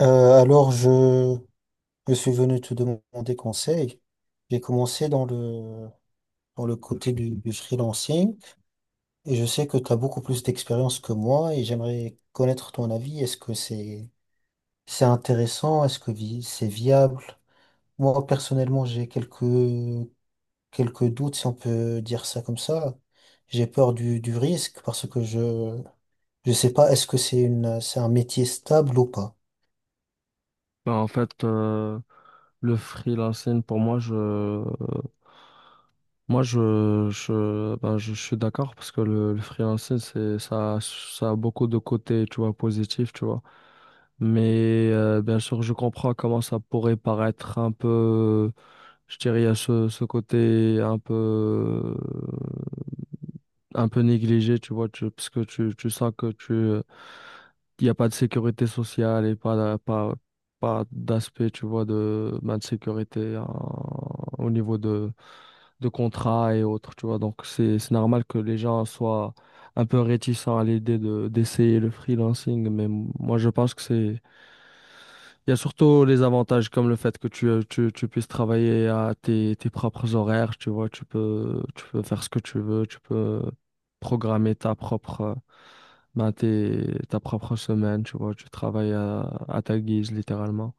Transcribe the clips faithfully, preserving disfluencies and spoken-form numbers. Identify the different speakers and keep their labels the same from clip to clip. Speaker 1: Euh, alors, je, je suis venu te demander conseil. J'ai commencé dans le, dans le côté du, du freelancing et je sais que tu as beaucoup plus d'expérience que moi et j'aimerais connaître ton avis. Est-ce que c'est, c'est intéressant? Est-ce que vi- c'est viable? Moi, personnellement, j'ai quelques, quelques doutes, si on peut dire ça comme ça. J'ai peur du, du risque parce que je, je sais pas, est-ce que c'est une, c'est un métier stable ou pas?
Speaker 2: Ben, en fait, euh, le freelancing, pour moi, je, moi, je, je, ben, je, suis d'accord parce que le, le freelancing, c'est, ça, a- ça a beaucoup de côtés, tu vois, positifs, tu vois. Mais euh, bien sûr, je comprends comment ça pourrait paraître un peu, je dirais, il y a ce, ce côté un peu un peu négligé, tu vois, tu, parce que tu, tu sens que tu, euh, il n'y a pas de sécurité sociale et pas, d'a- pas, pas d'aspect, tu vois, de, ben, de sécurité en- au niveau de, de contrat et autres, tu vois. Donc, c'est, c'est normal que les gens soient un peu réticents à l'idée de, d'essayer le freelancing, mais moi, je pense que c'est il y a surtout les avantages comme le fait que tu, euh, tu, tu puisses travailler à tes, tes propres horaires, tu vois, tu peux, tu peux faire ce que tu veux, tu peux programmer ta propre, euh, ben, tes- ta propre semaine, tu vois, tu travailles à, à ta guise, littéralement.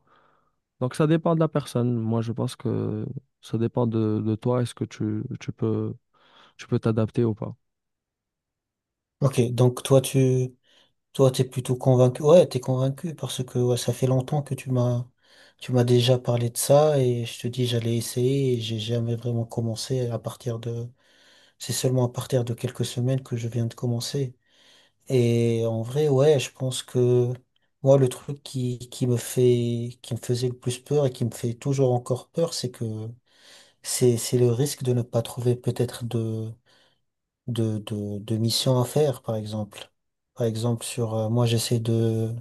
Speaker 2: Donc ça dépend de la personne. Moi, je pense que ça dépend de, de toi. Est-ce que tu, tu peux, tu peux t'adapter ou pas?
Speaker 1: Ok, donc toi, Toi, t'es plutôt convaincu. Ouais, t'es convaincu parce que ouais, ça fait longtemps que tu m'as tu m'as déjà parlé de ça et je te dis j'allais essayer et j'ai jamais vraiment commencé à partir de. C'est seulement à partir de quelques semaines que je viens de commencer. Et en vrai, ouais, je pense que moi le truc qui, qui me fait qui me faisait le plus peur et qui me fait toujours encore peur, c'est que c'est c'est le risque de ne pas trouver peut-être de de de, de mission à faire, par exemple. Par exemple, sur euh, moi j'essaie de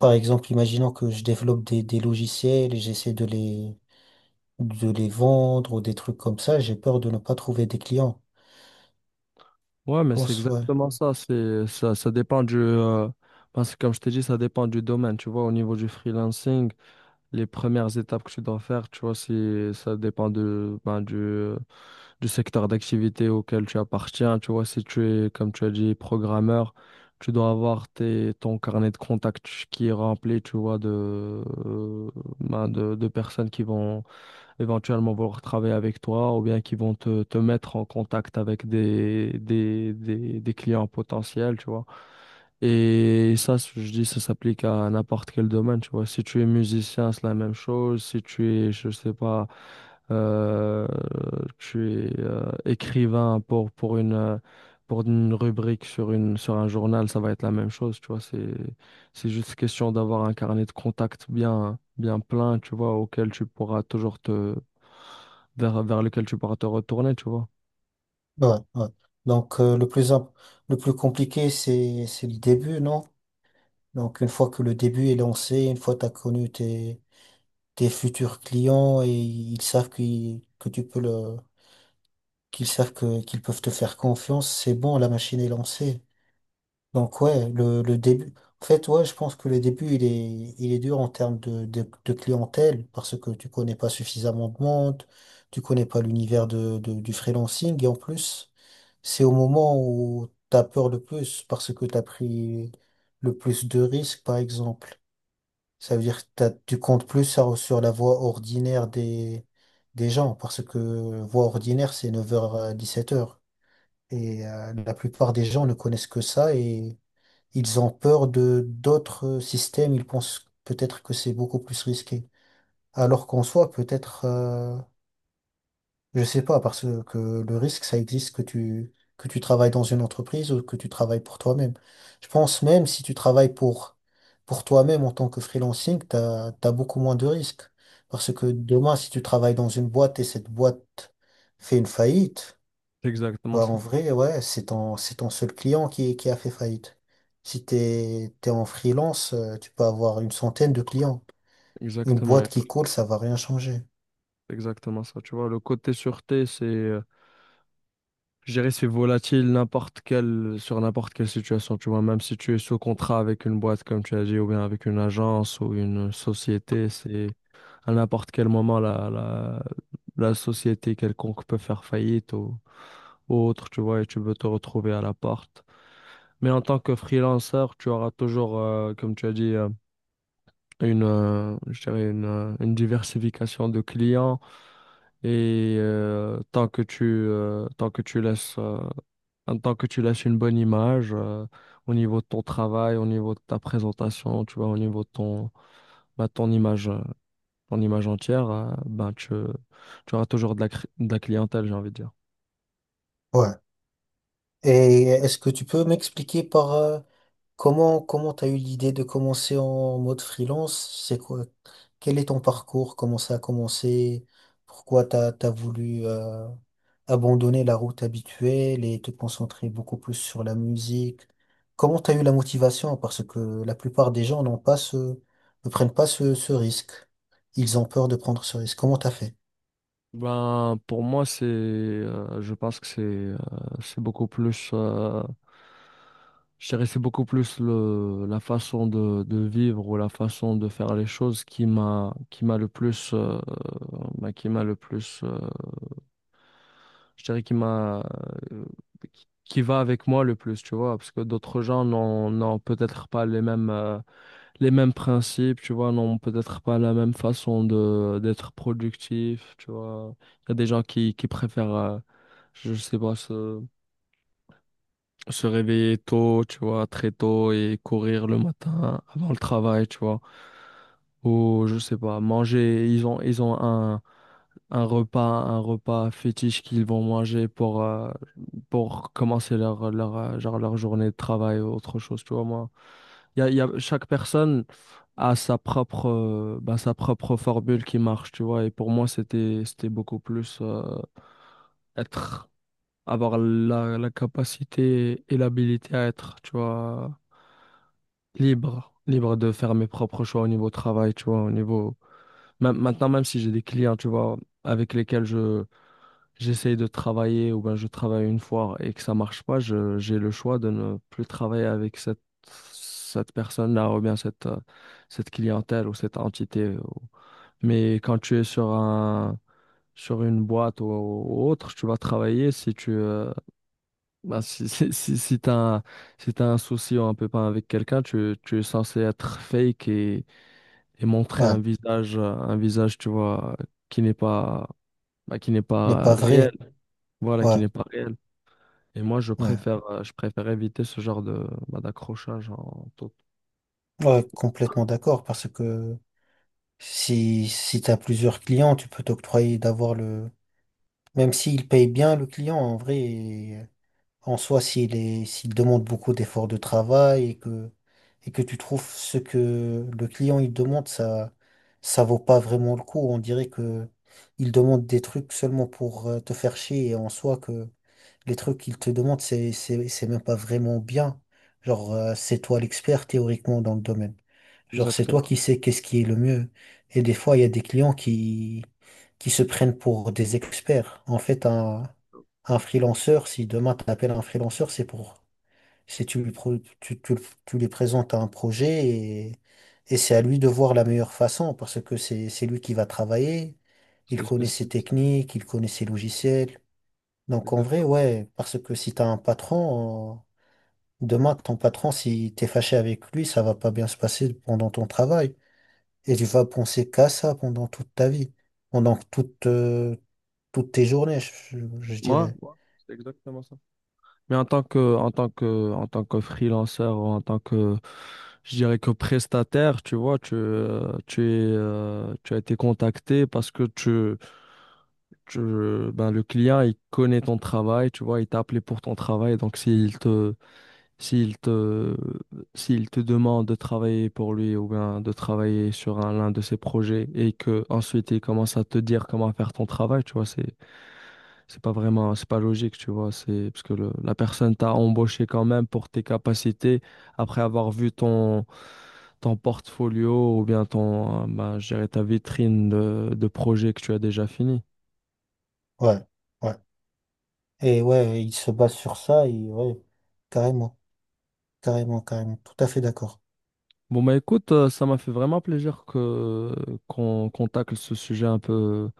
Speaker 1: par exemple, imaginons que je développe des, des logiciels et j'essaie de les, de les vendre ou des trucs comme ça, j'ai peur de ne pas trouver des clients.
Speaker 2: Ouais,
Speaker 1: Je
Speaker 2: mais c'est
Speaker 1: pense, ouais.
Speaker 2: exactement ça. C'est, ça, ça dépend du, euh, parce que comme je t'ai dit, ça dépend du domaine, tu vois, au niveau du freelancing. Les premières étapes que tu dois faire, tu vois, si ça dépend de, ben, du, du secteur d'activité auquel tu appartiens. Tu vois, si tu es, comme tu as dit, programmeur, tu dois avoir tes, ton carnet de contacts qui est rempli, tu vois, de, euh, ben, de, de personnes qui vont éventuellement vouloir travailler avec toi ou bien qui vont te, te mettre en contact avec des, des, des, des clients potentiels, tu vois. Et ça, je dis, ça s'applique à n'importe quel domaine, tu vois. Si tu es musicien, c'est la même chose. Si tu es, je sais pas, euh, tu es euh, écrivain pour, pour une, euh, pour une rubrique sur une, sur un journal, ça va être la même chose, tu vois. C'est, c'est juste question d'avoir un carnet de contacts bien, bien plein, tu vois, auquel tu pourras toujours te, vers, vers lequel tu pourras te retourner, tu vois.
Speaker 1: Ouais, ouais. Donc, euh, le plus, imp- le plus compliqué, c'est, c'est le début, non? Donc, une fois que le début est lancé, une fois que tu as connu tes, tes futurs clients et ils savent qu'ils- que tu peux le, qu'ils savent que, qu'ils peuvent te faire confiance, c'est bon, la machine est lancée. Donc ouais, le, le début. En fait, ouais, je pense que le début, il est, il est dur en termes de, de, de clientèle parce que tu connais pas suffisamment de monde, tu connais pas l'univers de, de- du freelancing et en plus, c'est au moment où t'as peur le plus parce que t'as pris le plus de risques, par exemple. Ça veut dire que t'as- tu comptes plus sur, sur la voie ordinaire des, des gens parce que voie ordinaire, c'est neuf heures à dix sept heures et euh, la plupart des gens ne connaissent que ça et ils ont peur de d'autres systèmes, ils pensent peut-être que c'est beaucoup plus risqué. Alors qu'en soi, peut-être, euh, je sais pas, parce que que le risque, ça existe que tu, que tu travailles dans une entreprise ou que tu travailles pour toi-même. Je pense même si tu travailles pour, pour toi-même en tant que freelancing, t'as, t'as beaucoup moins de risques. Parce que demain, si tu travailles dans une boîte et cette boîte fait une faillite,
Speaker 2: C'est exactement
Speaker 1: bah, en
Speaker 2: ça.
Speaker 1: vrai, ouais, c'est ton, c'est ton seul client qui, qui a fait faillite. Si t'es, t'es en freelance, euh, tu peux avoir une centaine de clients. Une
Speaker 2: Exactement,
Speaker 1: boîte
Speaker 2: et toi,
Speaker 1: qui coule, ça va rien changer.
Speaker 2: c'est exactement ça. Tu vois, le côté sûreté, c'est, euh, je dirais, c'est volatile n'importe quelle, sur n'importe quelle situation, tu vois. Même si tu es sous contrat avec une boîte, comme tu as dit, ou bien avec une agence ou une société, c'est à n'importe quel moment la, la, la société quelconque peut faire faillite ou ou autre, tu vois, et tu veux te retrouver à l'appart. Mais en tant que freelanceur, tu auras toujours, euh, comme tu as dit, euh, une, euh, je dirais une, euh, une diversification de clients. Et euh, tant que tu, euh, tant que tu laisses, euh, en tant que tu laisses une bonne image euh, au niveau de ton travail, au niveau de ta présentation, tu vois, au niveau de ton, bah, ton image, euh, ton image entière, euh, ben, tu, tu auras toujours de la, cri- de la clientèle, j'ai envie de dire.
Speaker 1: Ouais. Et est-ce que tu peux m'expliquer par euh, comment comment t'as eu l'idée de commencer en mode freelance? C'est quoi? Quel est ton parcours? Comment ça a commencé? Pourquoi t'as t'as voulu euh, abandonner la route habituelle et te concentrer beaucoup plus sur la musique? Comment t'as eu la motivation? Parce que la plupart des gens n'ont pas ce, ne prennent pas ce, ce risque. Ils ont peur de prendre ce risque. Comment t'as fait?
Speaker 2: Ben, pour moi, c'est, euh, je pense que c'est, euh, c'est beaucoup plus, euh, je dirais, c'est beaucoup plus le, la façon de, de vivre ou la façon de faire les choses qui m'a, qui m'a le plus, euh, ben, qui m'a le plus, euh, je dirais, qui m'a, euh, qui qui va avec moi le plus, tu vois, parce que d'autres gens n'ont, n'ont peut-être pas les mêmes. Euh, les mêmes principes, tu vois, n'ont peut-être pas la même façon de d'être productif, tu vois. Il y a des gens qui, qui préfèrent, euh, je sais pas, se, se réveiller tôt, tu vois, très tôt et courir le matin avant le travail, tu vois. Ou, je sais pas, manger, ils ont, ils ont un, un repas, un repas fétiche qu'ils vont manger pour, euh, pour commencer leur, leur, euh, genre leur journée de travail ou autre chose, tu vois, moi. Il y a, il y a- chaque personne a sa propre, euh, bah, sa propre formule qui marche, tu vois. Et pour moi, c'était, c'était beaucoup plus euh, être, avoir la, la capacité et l'habilité à être, tu vois, libre, libre de faire mes propres choix au niveau travail, tu vois, au niveau... Même, maintenant, même si j'ai des clients, tu vois, avec lesquels je j'essaye de travailler ou ben je travaille une fois et que ça marche pas, je, j'ai le choix de ne plus travailler avec cette, cette personne-là ou bien cette, euh, cette clientèle ou cette entité. Ou- Mais quand tu es sur un, sur une boîte ou, ou autre, tu vas travailler si tu, euh, ben, si, si, si, si t'as un, si t'as un souci ou un pépin avec quelqu'un, tu, tu es censé être fake et, et montrer un
Speaker 1: Ouais,
Speaker 2: visage, euh, un visage, tu vois, qui n'est pas, ben, qui n'est
Speaker 1: il n'est
Speaker 2: pas
Speaker 1: pas
Speaker 2: réel.
Speaker 1: vrai.
Speaker 2: Voilà, qui
Speaker 1: Ouais,
Speaker 2: n'est pas réel. Et moi, je
Speaker 1: ouais.
Speaker 2: préfère, euh, je préfère éviter ce genre de, bah, d'accrochage en tout.
Speaker 1: Ouais, complètement d'accord. Parce que si, si t'as plusieurs clients, tu peux t'octroyer d'avoir le, même s'il paye bien le client, en vrai, en soi, s'il est, s'il demande beaucoup d'efforts de travail et que, et que tu trouves ce que le client il demande, ça, ça vaut pas vraiment le coup. On dirait que il demande des trucs seulement pour euh, te faire chier et en soi que les trucs qu'ils te demandent, c'est, c'est, c'est même pas vraiment bien. Genre, euh, c'est toi l'expert théoriquement dans le domaine. Genre, c'est toi
Speaker 2: Exactement.
Speaker 1: qui sais qu'est-ce qui est le mieux. Et des fois, il y a des clients qui, qui se prennent pour des experts. En fait, un, un freelanceur, si demain tu appelles un freelanceur, c'est pour, c'est tu lui, pro- tu, tu, tu lui présentes un projet et, et c'est à lui de voir la meilleure façon parce que c'est, c'est lui qui va travailler.
Speaker 2: C'est
Speaker 1: Il
Speaker 2: le
Speaker 1: connaît ses
Speaker 2: spécialiste.
Speaker 1: techniques, il connaît ses logiciels, donc en vrai,
Speaker 2: Exactement.
Speaker 1: ouais, parce que si t'as un patron, euh, demain, ton patron, si t'es fâché avec lui, ça va pas bien se passer pendant ton travail. Et tu vas penser qu'à ça pendant toute ta vie, pendant toute, euh, toutes tes journées, je, je- je
Speaker 2: Moi,
Speaker 1: dirais.
Speaker 2: moi, c'est exactement ça. Mais en tant que, en tant que, en tant que freelanceur ou en tant que, je dirais que prestataire, tu vois, tu, euh, tu es, euh, tu as été contacté parce que tu, tu, ben, le client, il connaît ton travail, tu vois, il t'a appelé pour ton travail. Donc, s'il te, S'il te, s'il te demande de travailler pour lui ou bien de travailler sur un, l'un de ses projets et que ensuite il commence à te dire comment faire ton travail, tu vois, c'est, c'est pas vraiment, c'est pas logique, tu vois, c'est parce que le- la personne t'a embauché quand même pour tes capacités après avoir vu ton, ton portfolio ou bien ton, euh, bah, je dirais ta vitrine de, de projets que tu as déjà fini.
Speaker 1: Ouais, ouais. Et ouais, il se base sur ça, et ouais, carrément, carrément, carrément. Tout à fait d'accord.
Speaker 2: Bon, bah écoute, euh, ça m'a fait vraiment plaisir que, qu'on, qu'on tacle ce sujet un peu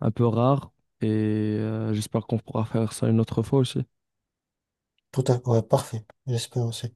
Speaker 2: un peu rare. Et euh, j'espère qu'on pourra faire ça une autre fois aussi.
Speaker 1: Tout à, ouais, parfait. J'espère aussi.